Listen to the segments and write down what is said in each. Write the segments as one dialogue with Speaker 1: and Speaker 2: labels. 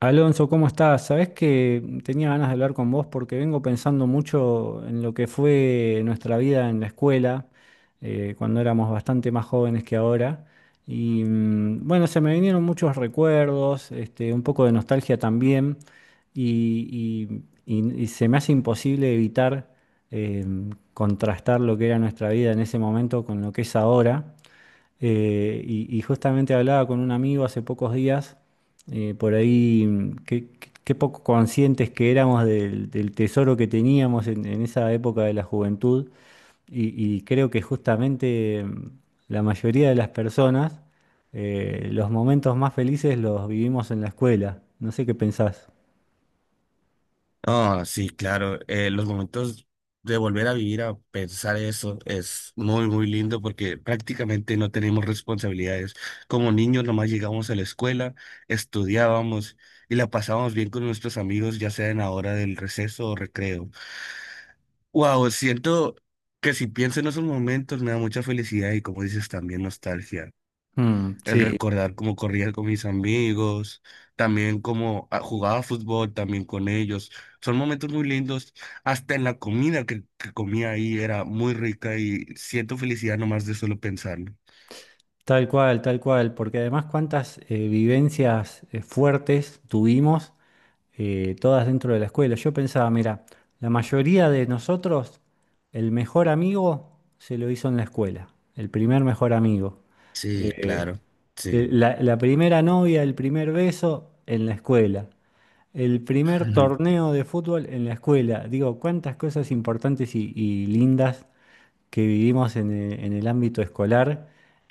Speaker 1: Alonso, ¿cómo estás? Sabés que tenía ganas de hablar con vos porque vengo pensando mucho en lo que fue nuestra vida en la escuela, cuando éramos bastante más jóvenes que ahora. Y bueno, se me vinieron muchos recuerdos, este, un poco de nostalgia también, y se me hace imposible evitar eh, contrastar lo que era nuestra vida en ese momento con lo que es ahora. Y justamente hablaba con un amigo hace pocos días, por ahí, qué poco conscientes que éramos del tesoro que teníamos en esa época de la juventud. Y creo que justamente la mayoría de las personas, los momentos más felices los vivimos en la escuela. No sé qué pensás.
Speaker 2: Ah, sí, claro. Los momentos de volver a vivir, a pensar eso, es muy, muy lindo porque prácticamente no tenemos responsabilidades. Como niños, nomás llegamos a la escuela, estudiábamos y la pasábamos bien con nuestros amigos, ya sea en la hora del receso o recreo. Wow, siento que si pienso en esos momentos me da mucha felicidad y como dices, también nostalgia
Speaker 1: Mm,
Speaker 2: el
Speaker 1: sí.
Speaker 2: recordar cómo corría con mis amigos, también cómo jugaba fútbol también con ellos. Son momentos muy lindos. Hasta en la comida que comía ahí era muy rica y siento felicidad nomás de solo pensarlo.
Speaker 1: Tal cual, porque además cuántas vivencias fuertes tuvimos, todas dentro de la escuela. Yo pensaba, mira, la mayoría de nosotros, el mejor amigo se lo hizo en la escuela, el primer mejor amigo.
Speaker 2: Sí,
Speaker 1: Eh,
Speaker 2: claro, sí.
Speaker 1: la, la primera novia, el primer beso en la escuela. El primer torneo de fútbol en la escuela. Digo, cuántas cosas importantes y lindas que vivimos en el ámbito escolar.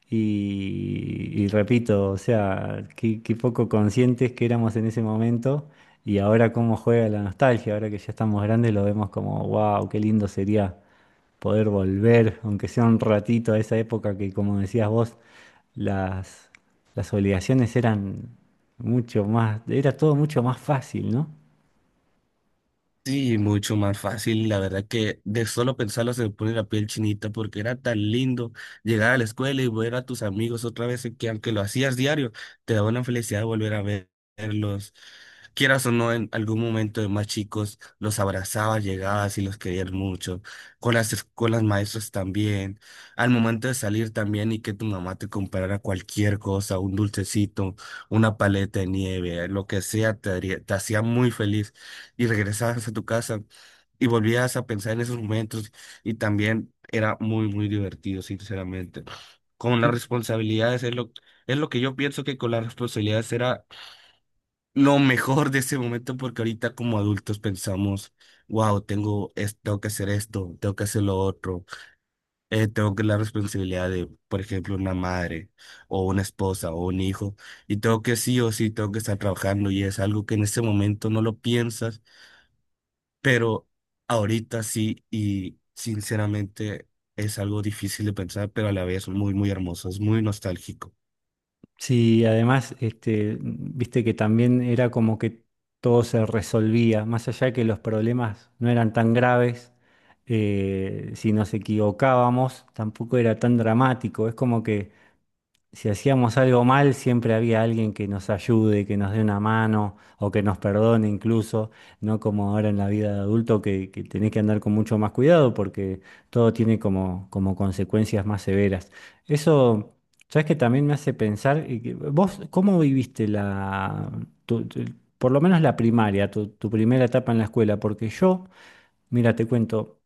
Speaker 1: Y repito, o sea, qué poco conscientes que éramos en ese momento. Y ahora cómo juega la nostalgia, ahora que ya estamos grandes lo vemos como, wow, qué lindo sería poder volver, aunque sea un ratito, a esa época que, como decías vos, las, las obligaciones eran mucho más, era todo mucho más fácil, ¿no?
Speaker 2: Sí, mucho más fácil. La verdad que de solo pensarlo se me pone la piel chinita porque era tan lindo llegar a la escuela y ver a tus amigos otra vez que aunque lo hacías diario, te da una felicidad verlos. Quieras o no, en algún momento de más chicos los abrazabas, llegabas y los querías mucho. Con con las maestras también. Al momento de salir también y que tu mamá te comprara cualquier cosa, un dulcecito, una paleta de nieve, lo que sea, te hacía muy feliz y regresabas a tu casa y volvías a pensar en esos momentos y también era muy, muy divertido, sinceramente. Con las responsabilidades es lo, Es lo que yo pienso que con las responsabilidades era lo mejor de ese momento porque ahorita como adultos pensamos, wow, tengo que hacer esto, tengo que hacer lo otro, tengo que la responsabilidad de, por ejemplo, una madre o una esposa o un hijo y tengo que sí o sí, tengo que estar trabajando y es algo que en ese momento no lo piensas, pero ahorita sí, y sinceramente es algo difícil de pensar, pero a la vez muy, muy hermoso, es muy nostálgico.
Speaker 1: Sí, además, este, viste que también era como que todo se resolvía, más allá de que los problemas no eran tan graves, si nos equivocábamos, tampoco era tan dramático, es como que si hacíamos algo mal, siempre había alguien que nos ayude, que nos dé una mano o que nos perdone incluso, no como ahora en la vida de adulto que tenés que andar con mucho más cuidado porque todo tiene como, como consecuencias más severas. Eso, sabes que también me hace pensar, y que- vos, ¿cómo viviste la, tu- tu- por lo menos la primaria, tu primera etapa en la escuela? Porque yo... Mira, te cuento.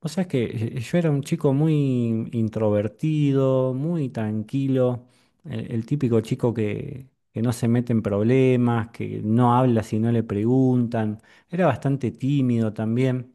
Speaker 1: O sea, es que yo era un chico muy introvertido, muy tranquilo, el típico chico que no se mete en problemas, que no habla si no le preguntan. Era bastante tímido también.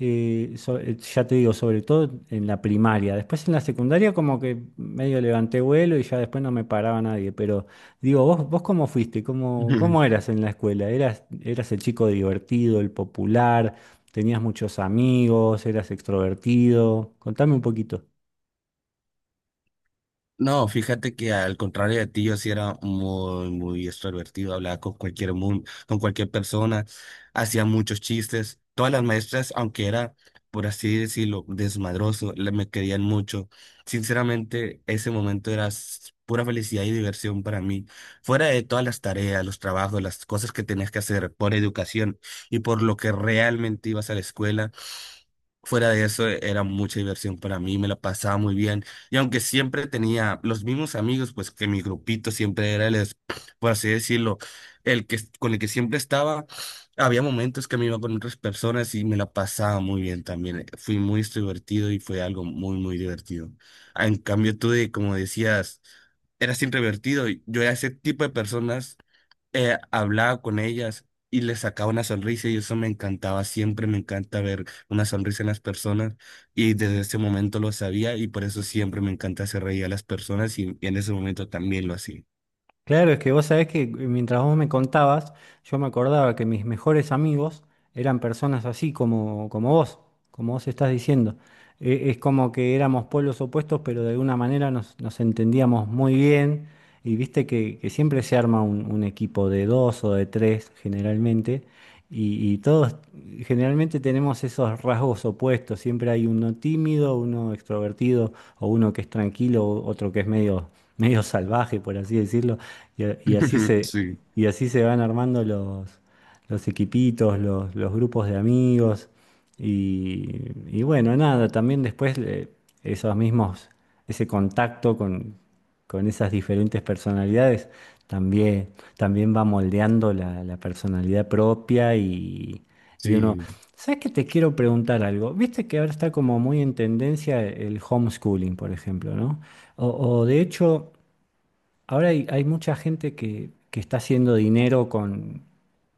Speaker 1: Ya te digo, sobre todo en la primaria. Después en la secundaria como que medio levanté vuelo y ya después no me paraba nadie. Pero digo, vos cómo fuiste? Cómo eras en la escuela? Eras el chico divertido, el popular? ¿Tenías muchos amigos? ¿Eras extrovertido? Contame un poquito.
Speaker 2: No, fíjate que al contrario de ti, yo sí era muy, muy extrovertido, hablaba con cualquier mundo, con cualquier persona, hacía muchos chistes. Todas las maestras, aunque era, por así decirlo, desmadroso, me querían mucho. Sinceramente, ese momento era pura felicidad y diversión para mí. Fuera de todas las tareas, los trabajos, las cosas que tenías que hacer por educación y por lo que realmente ibas a la escuela. Fuera de eso, era mucha diversión para mí, me la pasaba muy bien. Y aunque siempre tenía los mismos amigos, pues que mi grupito siempre era por así decirlo, el que con el que siempre estaba, había momentos que me iba con otras personas y me la pasaba muy bien también. Fui muy extrovertido y fue algo muy, muy divertido. En cambio, tú, de, como decías, eras introvertido. Yo era ese tipo de personas, hablaba con ellas y les sacaba una sonrisa y eso me encantaba, siempre me encanta ver una sonrisa en las personas y desde ese momento lo sabía, y por eso siempre me encanta hacer reír a las personas y en ese momento también lo hacía.
Speaker 1: Claro, es que vos sabés que mientras vos me contabas, yo me acordaba que mis mejores amigos eran personas así como, como vos estás diciendo. Es como que éramos pueblos opuestos, pero de alguna manera nos entendíamos muy bien. Y viste que siempre se arma un equipo de dos o de tres generalmente. Y todos generalmente tenemos esos rasgos opuestos. Siempre hay uno tímido, uno extrovertido, o uno que es tranquilo, o otro que es medio, medio salvaje, por así decirlo. Y, a- y así se,
Speaker 2: Sí,
Speaker 1: y así se van armando los equipitos, los grupos de amigos. Y bueno, nada, también después esos mismos, ese contacto con esas diferentes personalidades también, también va moldeando la personalidad propia y uno...
Speaker 2: sí.
Speaker 1: ¿Sabes que te quiero preguntar algo? Viste que ahora está como muy en tendencia el homeschooling, por ejemplo, ¿no? O, o de hecho, ahora hay mucha gente que está haciendo dinero con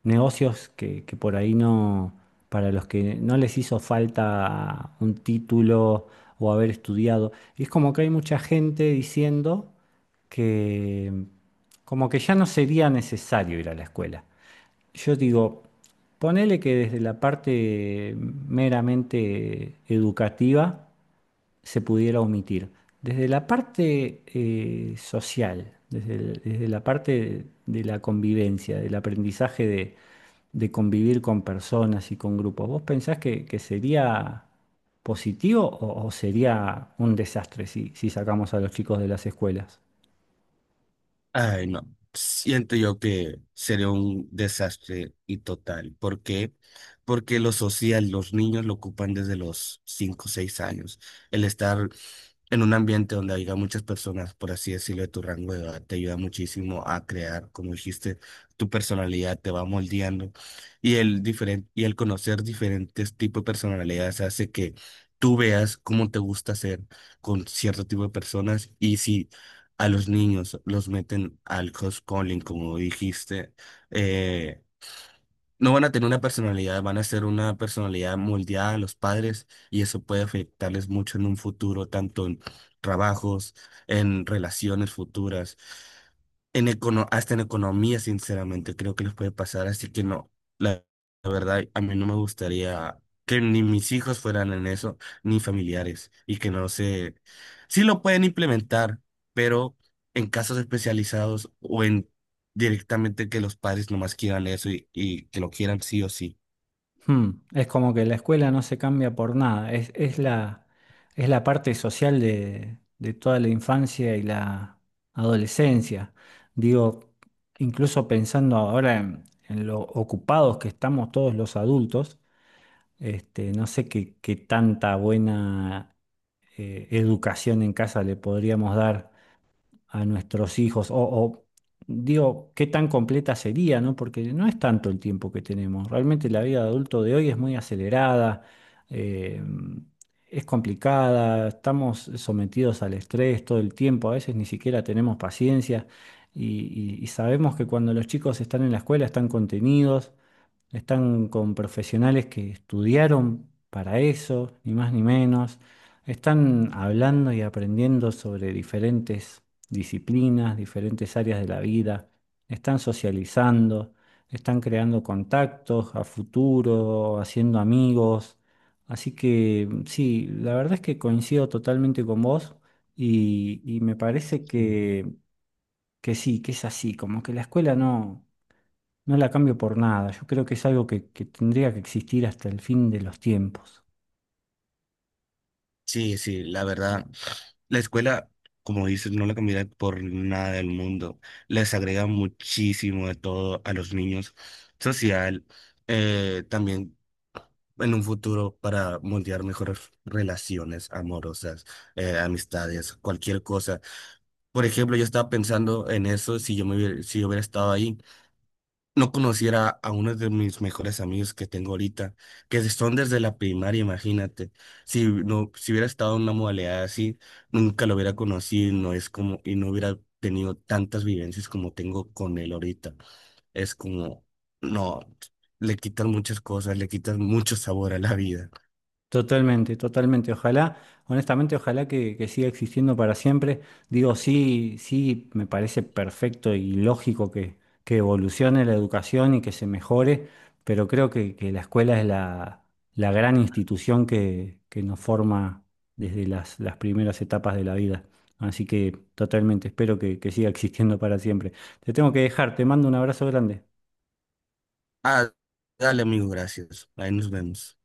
Speaker 1: negocios que por ahí no, para los que no les hizo falta un título o haber estudiado. Y es como que hay mucha gente diciendo que como que ya no sería necesario ir a la escuela. Yo digo, ponele que desde la parte meramente educativa, se pudiera omitir. Desde la parte social, desde la parte de la convivencia, del aprendizaje de convivir con personas y con grupos, ¿vos pensás que sería positivo o sería un desastre si, si sacamos a los chicos de las escuelas?
Speaker 2: Ay, no. Siento yo que sería un desastre y total. ¿Por qué? Porque lo social, los niños lo ocupan desde los 5 o 6 años. El estar en un ambiente donde haya muchas personas, por así decirlo, de tu rango de edad, te ayuda muchísimo a crear, como dijiste, tu personalidad te va moldeando y y el conocer diferentes tipos de personalidades hace que tú veas cómo te gusta ser con cierto tipo de personas, y si a los niños los meten al homeschooling, como dijiste, eh, no van a tener una personalidad, van a ser una personalidad moldeada a los padres, y eso puede afectarles mucho en un futuro, tanto en trabajos, en relaciones futuras, en hasta en economía, sinceramente, creo que les puede pasar. Así que no, la, la verdad, a mí no me gustaría que ni mis hijos fueran en eso, ni familiares, y que no se... Sí lo pueden implementar, pero en casos especializados o en, directamente, que los padres nomás quieran eso, y que lo quieran sí o sí.
Speaker 1: Es como que la escuela no se cambia por nada, es, es la parte social de toda la infancia y la adolescencia. Digo, incluso pensando ahora en lo ocupados que estamos todos los adultos, este, no sé qué tanta buena educación en casa le podríamos dar a nuestros hijos, o, digo, qué tan completa sería, ¿no? Porque no es tanto el tiempo que tenemos. Realmente la vida de adulto de hoy es muy acelerada, eh, es complicada, estamos sometidos al estrés todo el tiempo, a veces ni siquiera tenemos paciencia y sabemos que cuando los chicos están en la escuela están contenidos. Están con profesionales que estudiaron para eso, ni más ni menos. Están hablando y aprendiendo sobre diferentes disciplinas, diferentes áreas de la vida. Están socializando, están creando contactos a futuro, haciendo amigos. Así que sí, la verdad es que coincido totalmente con vos y me parece
Speaker 2: Mm.
Speaker 1: que sí, que es así, como que la escuela no... No la cambio por nada. Yo creo que es algo que tendría que existir hasta el fin de los tiempos.
Speaker 2: Sí, sí, la verdad. La escuela, como dices, no la cambiará por nada del mundo. Les agrega muchísimo de todo a los niños. Social, también en un futuro para moldear mejores relaciones amorosas, amistades, cualquier cosa. Por ejemplo, yo estaba pensando en eso, si yo hubiera estado ahí. No conociera a uno de mis mejores amigos que tengo ahorita, que son desde la primaria, imagínate. Si no, si hubiera estado en una modalidad así, nunca lo hubiera conocido, y no es como, y no hubiera tenido tantas vivencias como tengo con él ahorita. Es como, no, le quitas muchas cosas, le quitas mucho sabor a la vida.
Speaker 1: Totalmente, totalmente. Ojalá, honestamente, ojalá que siga existiendo para siempre. Digo, sí, sí, me parece perfecto y lógico que evolucione la educación y que se mejore, pero creo que la escuela es la, la gran institución que nos forma desde las primeras etapas de la vida. Así que totalmente, espero que siga existiendo para siempre. Te tengo que dejar, te mando un abrazo grande.
Speaker 2: Ah, dale, amigo, gracias. Ahí nos vemos.